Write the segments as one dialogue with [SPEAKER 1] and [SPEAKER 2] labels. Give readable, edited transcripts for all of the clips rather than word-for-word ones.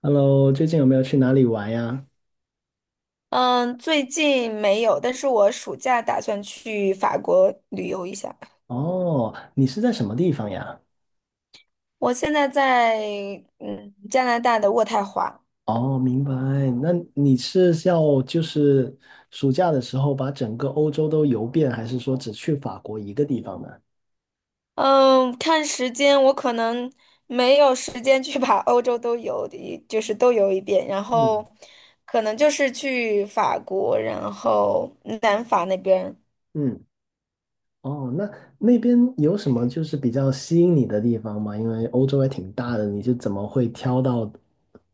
[SPEAKER 1] Hello,最近有没有去哪里玩呀？
[SPEAKER 2] 嗯，最近没有，但是我暑假打算去法国旅游一下。
[SPEAKER 1] 哦，你是在什么地方呀？
[SPEAKER 2] 我现在在加拿大的渥太华。
[SPEAKER 1] 哦，明白。那你是要暑假的时候把整个欧洲都游遍，还是说只去法国一个地方呢？
[SPEAKER 2] 嗯，看时间我可能没有时间去把欧洲都游的，就是都游一遍，然
[SPEAKER 1] 嗯
[SPEAKER 2] 后可能就是去法国，然后南法那边。
[SPEAKER 1] 嗯。哦，那那边有什么比较吸引你的地方吗？因为欧洲还挺大的，你是怎么会挑到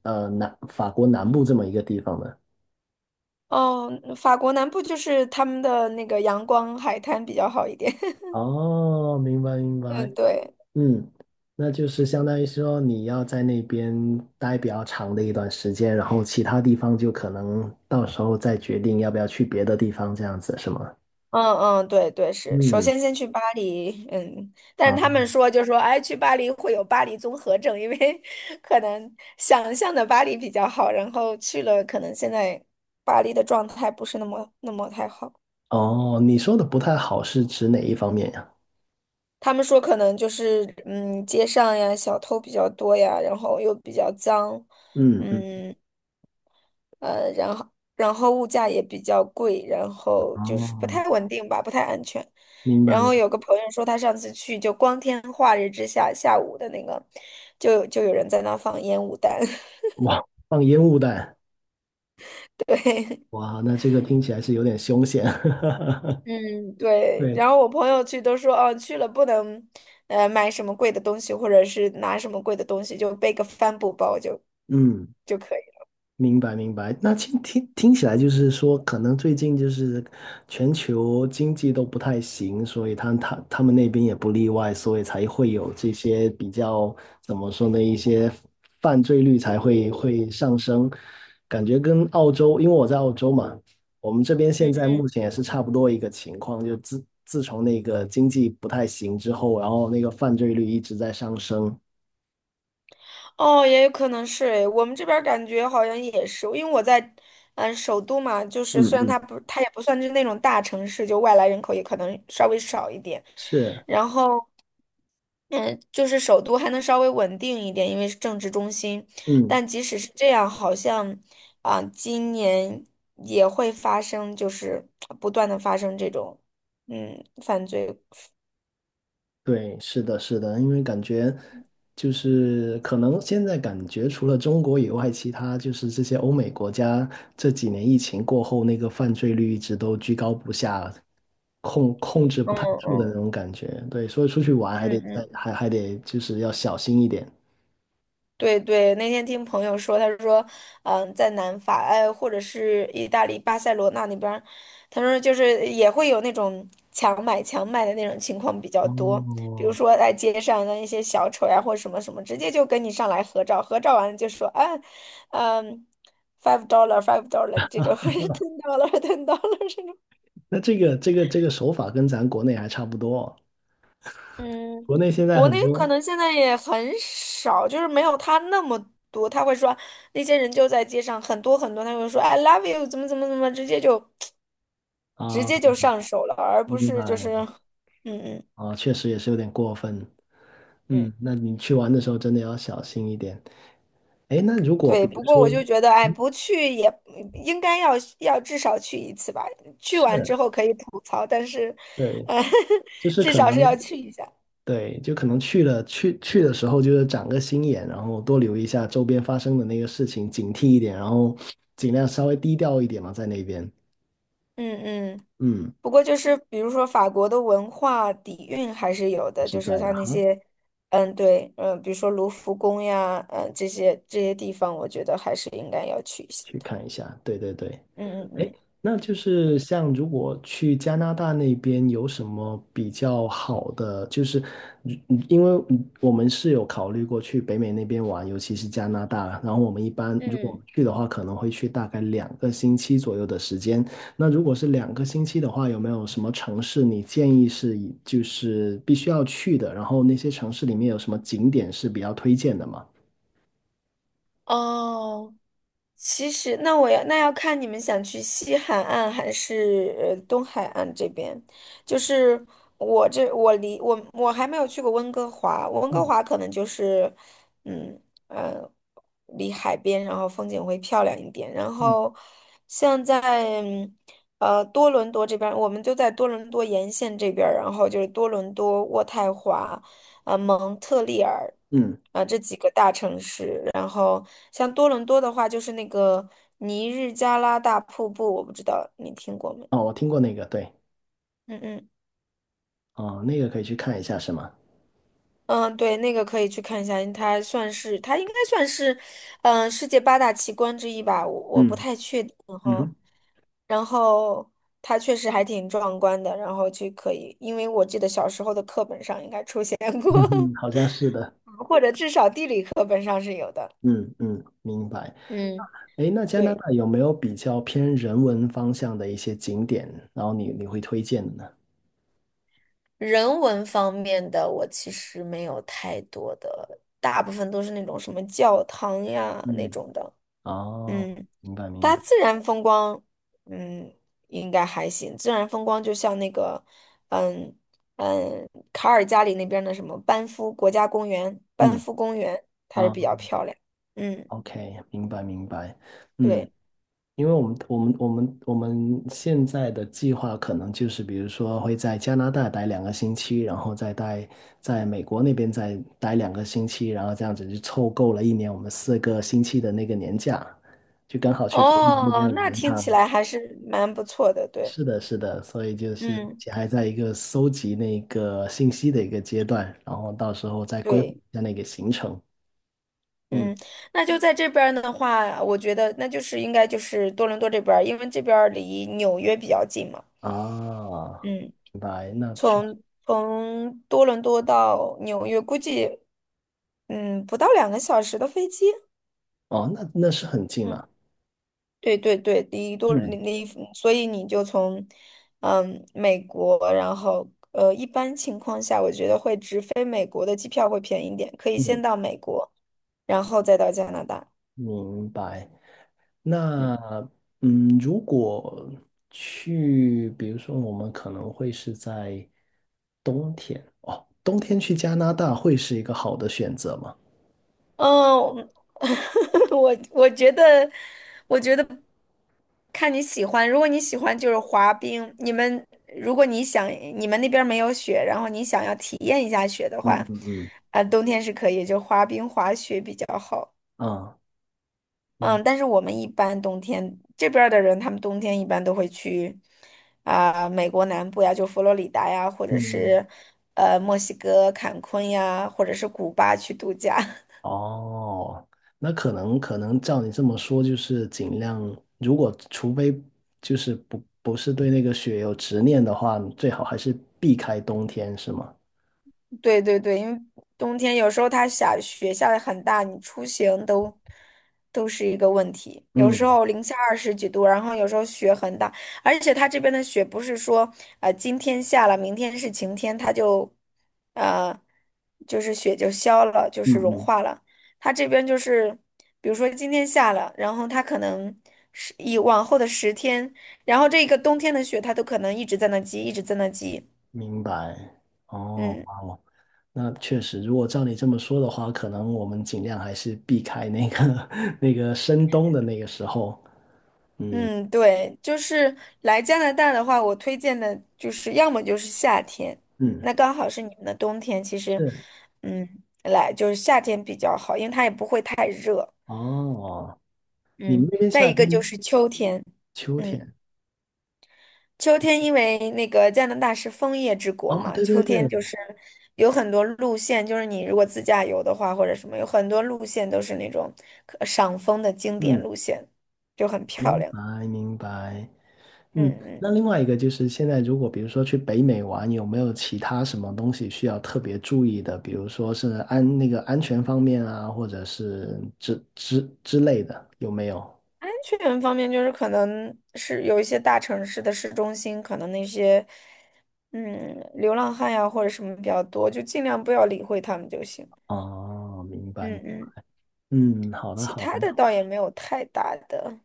[SPEAKER 1] 南法国南部这么一个地方呢？
[SPEAKER 2] 哦，法国南部就是他们的那个阳光海滩比较好一点。
[SPEAKER 1] 哦，明白明 白。
[SPEAKER 2] 嗯，对。
[SPEAKER 1] 嗯，那就是相当于说你要在那边待比较长的一段时间，然后其他地方就可能到时候再决定要不要去别的地方，这样子是吗？
[SPEAKER 2] 嗯嗯，对对是，首
[SPEAKER 1] 嗯，
[SPEAKER 2] 先先去巴黎，但是他
[SPEAKER 1] 好。
[SPEAKER 2] 们说就说，哎，去巴黎会有巴黎综合症，因为 可能想象的巴黎比较好，然后去了，可能现在巴黎的状态不是那么太好。
[SPEAKER 1] 哦，你说的不太好是指哪一方面呀？
[SPEAKER 2] 他们说可能就是街上呀小偷比较多呀，然后又比较脏，
[SPEAKER 1] 嗯嗯，
[SPEAKER 2] 嗯。呃，然后然后物价也比较贵，然后就是不
[SPEAKER 1] 哦，
[SPEAKER 2] 太稳定吧，不太安全。
[SPEAKER 1] 明
[SPEAKER 2] 然
[SPEAKER 1] 白。
[SPEAKER 2] 后有个朋友说，他上次去就光天化日之下，下午的那个，就有人在那放烟雾弹，
[SPEAKER 1] 哇，放烟雾弹。
[SPEAKER 2] 对。
[SPEAKER 1] 哇，那这个听起来是有点凶险。
[SPEAKER 2] 嗯，对。
[SPEAKER 1] 对，
[SPEAKER 2] 然后我朋友去都说，哦，去了不能，买什么贵的东西，或者是拿什么贵的东西，就背个帆布包就
[SPEAKER 1] 嗯。
[SPEAKER 2] 就可以了。
[SPEAKER 1] 明白明白。那听起来就是说，可能最近就是全球经济都不太行，所以他们那边也不例外，所以才会有这些比较怎么说呢，一些犯罪率才会上升。感觉跟澳洲，因为我在澳洲嘛，我们这边现
[SPEAKER 2] 嗯
[SPEAKER 1] 在
[SPEAKER 2] 嗯。
[SPEAKER 1] 目前也是差不多一个情况，就自从那个经济不太行之后，然后那个犯罪率一直在上升。
[SPEAKER 2] 哦，也有可能是诶，我们这边儿感觉好像也是，因为我在，首都嘛，就是
[SPEAKER 1] 嗯
[SPEAKER 2] 虽然
[SPEAKER 1] 嗯，
[SPEAKER 2] 它也不算是那种大城市，就外来人口也可能稍微少一点，
[SPEAKER 1] 是，
[SPEAKER 2] 然后，嗯，就是首都还能稍微稳定一点，因为是政治中心，
[SPEAKER 1] 嗯。
[SPEAKER 2] 但即使是这样，好像，今年也会发生，就是不断的发生这种，犯罪，
[SPEAKER 1] 对，是的，是的，因为感觉就是可能现在感觉除了中国以外，其他就是这些欧美国家这几年疫情过后，那个犯罪率一直都居高不下，控制不
[SPEAKER 2] 嗯
[SPEAKER 1] 太住的那
[SPEAKER 2] 嗯
[SPEAKER 1] 种感觉。对，所以出去玩还得
[SPEAKER 2] 嗯
[SPEAKER 1] 再
[SPEAKER 2] 嗯。
[SPEAKER 1] 还还得就是要小心一点。
[SPEAKER 2] 对对，那天听朋友说，他说，在南法，哎，或者是意大利巴塞罗那那边儿他说就是也会有那种强买强卖的那种情况比较多，比如
[SPEAKER 1] 哦，
[SPEAKER 2] 说在街上的一些小丑呀，或者什么什么，直接就跟你上来合照，合照完了就说，啊，嗯，$5 $5 这种 或者 $10 $10 这种。
[SPEAKER 1] 那这个手法跟咱国内还差不多，
[SPEAKER 2] 嗯，
[SPEAKER 1] 国内现在
[SPEAKER 2] 国
[SPEAKER 1] 很
[SPEAKER 2] 内可
[SPEAKER 1] 多。
[SPEAKER 2] 能现在也很少，就是没有他那么多。他会说那些人就在街上很多很多，他会说 "I love you" 怎么怎么怎么，直接就直
[SPEAKER 1] 啊，
[SPEAKER 2] 接就上手了，而不
[SPEAKER 1] 明
[SPEAKER 2] 是就是，
[SPEAKER 1] 白。
[SPEAKER 2] 嗯嗯
[SPEAKER 1] 啊，确实也是有点过分。
[SPEAKER 2] 嗯，
[SPEAKER 1] 嗯，那你去玩的时候真的要小心一点。哎，那如果
[SPEAKER 2] 对。
[SPEAKER 1] 比如
[SPEAKER 2] 不过
[SPEAKER 1] 说，
[SPEAKER 2] 我就觉得，哎，
[SPEAKER 1] 嗯，
[SPEAKER 2] 不去也应该要至少去一次吧。去完之
[SPEAKER 1] 是，
[SPEAKER 2] 后可以吐槽，但是，
[SPEAKER 1] 对，
[SPEAKER 2] 呃，
[SPEAKER 1] 就 是
[SPEAKER 2] 至
[SPEAKER 1] 可
[SPEAKER 2] 少是
[SPEAKER 1] 能，
[SPEAKER 2] 要去一下。
[SPEAKER 1] 对，就可能去了去的时候，就是长个心眼，然后多留意一下周边发生的那个事情，警惕一点，然后尽量稍微低调一点嘛，在那边，
[SPEAKER 2] 嗯嗯。
[SPEAKER 1] 嗯，
[SPEAKER 2] 不过就是比如说法国的文化底蕴还是有的，
[SPEAKER 1] 是
[SPEAKER 2] 就是
[SPEAKER 1] 在
[SPEAKER 2] 它
[SPEAKER 1] 的
[SPEAKER 2] 那
[SPEAKER 1] 哈，
[SPEAKER 2] 些，对，比如说卢浮宫呀，这些地方，我觉得还是应该要去一下
[SPEAKER 1] 去
[SPEAKER 2] 的。
[SPEAKER 1] 看一下，对对对。
[SPEAKER 2] 嗯嗯
[SPEAKER 1] 那就是像如果去加拿大那边有什么比较好的，嗯嗯，因为我们有考虑过去北美那边玩，尤其是加拿大。然后我们一般
[SPEAKER 2] 嗯，
[SPEAKER 1] 如果我们
[SPEAKER 2] 嗯，
[SPEAKER 1] 去的话，可能会去大概两个星期左右的时间。那如果是两个星期的话，有没有什么城市你建议是就是必须要去的？然后那些城市里面有什么景点是比较推荐的吗？
[SPEAKER 2] 哦，其实，那要看你们想去西海岸还是东海岸这边。就是我这我离我我还没有去过温哥华，温哥华可能就是嗯呃离海边，然后风景会漂亮一点。然
[SPEAKER 1] 嗯
[SPEAKER 2] 后像在多伦多这边儿我们就在多伦多沿线这边儿然后就是多伦多、渥太华。蒙特利尔
[SPEAKER 1] 嗯，
[SPEAKER 2] 这几个大城市。然后像多伦多的话，就是那个尼日加拉大瀑布，我不知道你听过没？
[SPEAKER 1] 哦，我听过那个，对。
[SPEAKER 2] 嗯嗯。
[SPEAKER 1] 哦，那个可以去看一下，是吗？
[SPEAKER 2] 嗯，对，那个可以去看一下，因为它算是它应该算是，世界八大奇观之一吧，我不
[SPEAKER 1] 嗯，
[SPEAKER 2] 太确定
[SPEAKER 1] 嗯
[SPEAKER 2] 哈。
[SPEAKER 1] 哼。
[SPEAKER 2] 然后它确实还挺壮观的，然后就可以，因为我记得小时候的课本上应该出现
[SPEAKER 1] 嗯
[SPEAKER 2] 过，
[SPEAKER 1] 哼，好像是的。
[SPEAKER 2] 或者至少地理课本上是有的。
[SPEAKER 1] 嗯嗯，明白。
[SPEAKER 2] 嗯，
[SPEAKER 1] 诶，那加拿
[SPEAKER 2] 对。
[SPEAKER 1] 大有没有比较偏人文方向的一些景点，然后你会推荐的呢？
[SPEAKER 2] 人文方面的我其实没有太多的，大部分都是那种什么教堂呀那
[SPEAKER 1] 嗯，
[SPEAKER 2] 种的。
[SPEAKER 1] 哦，
[SPEAKER 2] 嗯，
[SPEAKER 1] 明白明
[SPEAKER 2] 大
[SPEAKER 1] 白，
[SPEAKER 2] 自然风光，嗯，应该还行。自然风光就像那个，嗯卡尔加里那边的什么班夫国家公园、班
[SPEAKER 1] 嗯，
[SPEAKER 2] 夫公园，它是
[SPEAKER 1] 啊
[SPEAKER 2] 比较漂亮。嗯，
[SPEAKER 1] ，OK,明白明白，嗯。
[SPEAKER 2] 对。
[SPEAKER 1] 因为我们现在的计划可能就是，比如说会在加拿大待两个星期，然后在美国那边再待两个星期，然后这样子就凑够了一年我们四个星期的那个年假，就刚好去北美那
[SPEAKER 2] 哦，
[SPEAKER 1] 边
[SPEAKER 2] 那
[SPEAKER 1] 玩一
[SPEAKER 2] 听起
[SPEAKER 1] 趟。
[SPEAKER 2] 来还是蛮不错的，对。
[SPEAKER 1] 是的，是的，所以就是
[SPEAKER 2] 嗯，
[SPEAKER 1] 还在一个搜集那个信息的一个阶段，然后到时候再规划
[SPEAKER 2] 对。
[SPEAKER 1] 一下那个行程。嗯，
[SPEAKER 2] 嗯，那就在这边儿的话，我觉得那就是应该就是多伦多这边儿，因为这边儿离纽约比较近嘛。
[SPEAKER 1] 啊，
[SPEAKER 2] 嗯，
[SPEAKER 1] 明白，那确实，
[SPEAKER 2] 从多伦多到纽约，估计不到2个小时的飞机。
[SPEAKER 1] 哦，那那是很近
[SPEAKER 2] 嗯，
[SPEAKER 1] 了。
[SPEAKER 2] 对对对，离多离
[SPEAKER 1] 嗯。
[SPEAKER 2] 离，所以你就从美国，然后一般情况下，我觉得会直飞美国的机票会便宜一点，可以先
[SPEAKER 1] 嗯，
[SPEAKER 2] 到美国，然后再到加拿大。
[SPEAKER 1] 明白。
[SPEAKER 2] 嗯。
[SPEAKER 1] 那嗯，如果去，比如说我们可能会是在冬天。哦，冬天去加拿大会是一个好的选择吗？
[SPEAKER 2] 嗯，我我觉得，我觉得看你喜欢。如果你喜欢就是滑冰，如果你想你们那边儿没有雪，然后你想要体验一下雪的
[SPEAKER 1] 嗯
[SPEAKER 2] 话，
[SPEAKER 1] 嗯嗯。
[SPEAKER 2] 冬天是可以，就滑冰滑雪比较好。
[SPEAKER 1] 啊，明
[SPEAKER 2] 嗯，但是我们一般冬天这边儿的人，他们冬天一般都会去美国南部呀，就佛罗里达呀，或者
[SPEAKER 1] 嗯嗯。
[SPEAKER 2] 是墨西哥坎昆呀，或者是古巴去度假。
[SPEAKER 1] 哦，那可能照你这么说，就是尽量，如果除非不是对那个雪有执念的话，最好还是避开冬天，是吗？
[SPEAKER 2] 对对对，因为冬天有时候它下雪下的很大，你出行都是一个问题。有时
[SPEAKER 1] 嗯
[SPEAKER 2] 候零下二十几度，然后有时候雪很大，而且它这边的雪不是说啊今天下了，明天是晴天，它就呃就是雪就消了，就
[SPEAKER 1] 嗯
[SPEAKER 2] 是融
[SPEAKER 1] 嗯，
[SPEAKER 2] 化了。它这边就是比如说今天下了，然后它可能是以往后的10天，然后这个冬天的雪它都可能一直在那积，一直在那积，
[SPEAKER 1] 明白。哦，
[SPEAKER 2] 嗯。
[SPEAKER 1] 哇，那确实，如果照你这么说的话，可能我们尽量还是避开那个 那个深冬的那个时候。嗯
[SPEAKER 2] 嗯，对，就是来加拿大的话，我推荐的就是要么就是夏天，
[SPEAKER 1] 嗯，
[SPEAKER 2] 那刚好是你们的冬天，其实，
[SPEAKER 1] 是。
[SPEAKER 2] 来就是夏天比较好，因为它也不会太热。
[SPEAKER 1] 哦，你们
[SPEAKER 2] 嗯，
[SPEAKER 1] 那边
[SPEAKER 2] 再
[SPEAKER 1] 夏
[SPEAKER 2] 一个就
[SPEAKER 1] 天、
[SPEAKER 2] 是秋天，
[SPEAKER 1] 秋
[SPEAKER 2] 嗯，
[SPEAKER 1] 天？
[SPEAKER 2] 秋天因为那个加拿大是枫叶之国
[SPEAKER 1] 哦，
[SPEAKER 2] 嘛，
[SPEAKER 1] 对对
[SPEAKER 2] 秋天
[SPEAKER 1] 对，
[SPEAKER 2] 就是有很多路线，就是你如果自驾游的话或者什么，有很多路线都是那种可赏枫的经典
[SPEAKER 1] 嗯，
[SPEAKER 2] 路线，就很漂
[SPEAKER 1] 明
[SPEAKER 2] 亮。
[SPEAKER 1] 白明白。
[SPEAKER 2] 嗯
[SPEAKER 1] 嗯，那
[SPEAKER 2] 嗯。
[SPEAKER 1] 另外一个就是现在如果比如说去北美玩，有没有其他什么东西需要特别注意的？比如说是那个安全方面啊，或者是之类的，有没有？
[SPEAKER 2] 安全方面，就是可能是有一些大城市的市中心，可能那些流浪汉呀或者什么比较多，就尽量不要理会他们就行。
[SPEAKER 1] 哦，明白。
[SPEAKER 2] 嗯嗯，
[SPEAKER 1] 嗯，好的
[SPEAKER 2] 其
[SPEAKER 1] 好
[SPEAKER 2] 他
[SPEAKER 1] 的。
[SPEAKER 2] 的倒也没有太大的。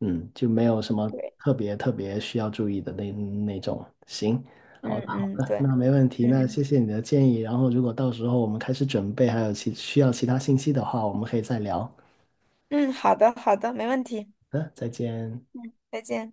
[SPEAKER 1] 嗯，就没有什么
[SPEAKER 2] 对，
[SPEAKER 1] 特别特别需要注意的那种。行，
[SPEAKER 2] 嗯
[SPEAKER 1] 好的好
[SPEAKER 2] 嗯
[SPEAKER 1] 的，
[SPEAKER 2] 对，
[SPEAKER 1] 那没问题，
[SPEAKER 2] 嗯
[SPEAKER 1] 那
[SPEAKER 2] 嗯
[SPEAKER 1] 谢谢你的建议。然后如果到时候我们开始准备，还有其需要其他信息的话，我们可以再聊。好
[SPEAKER 2] 嗯，好的好的，没问题，
[SPEAKER 1] 的，再见。
[SPEAKER 2] 再见。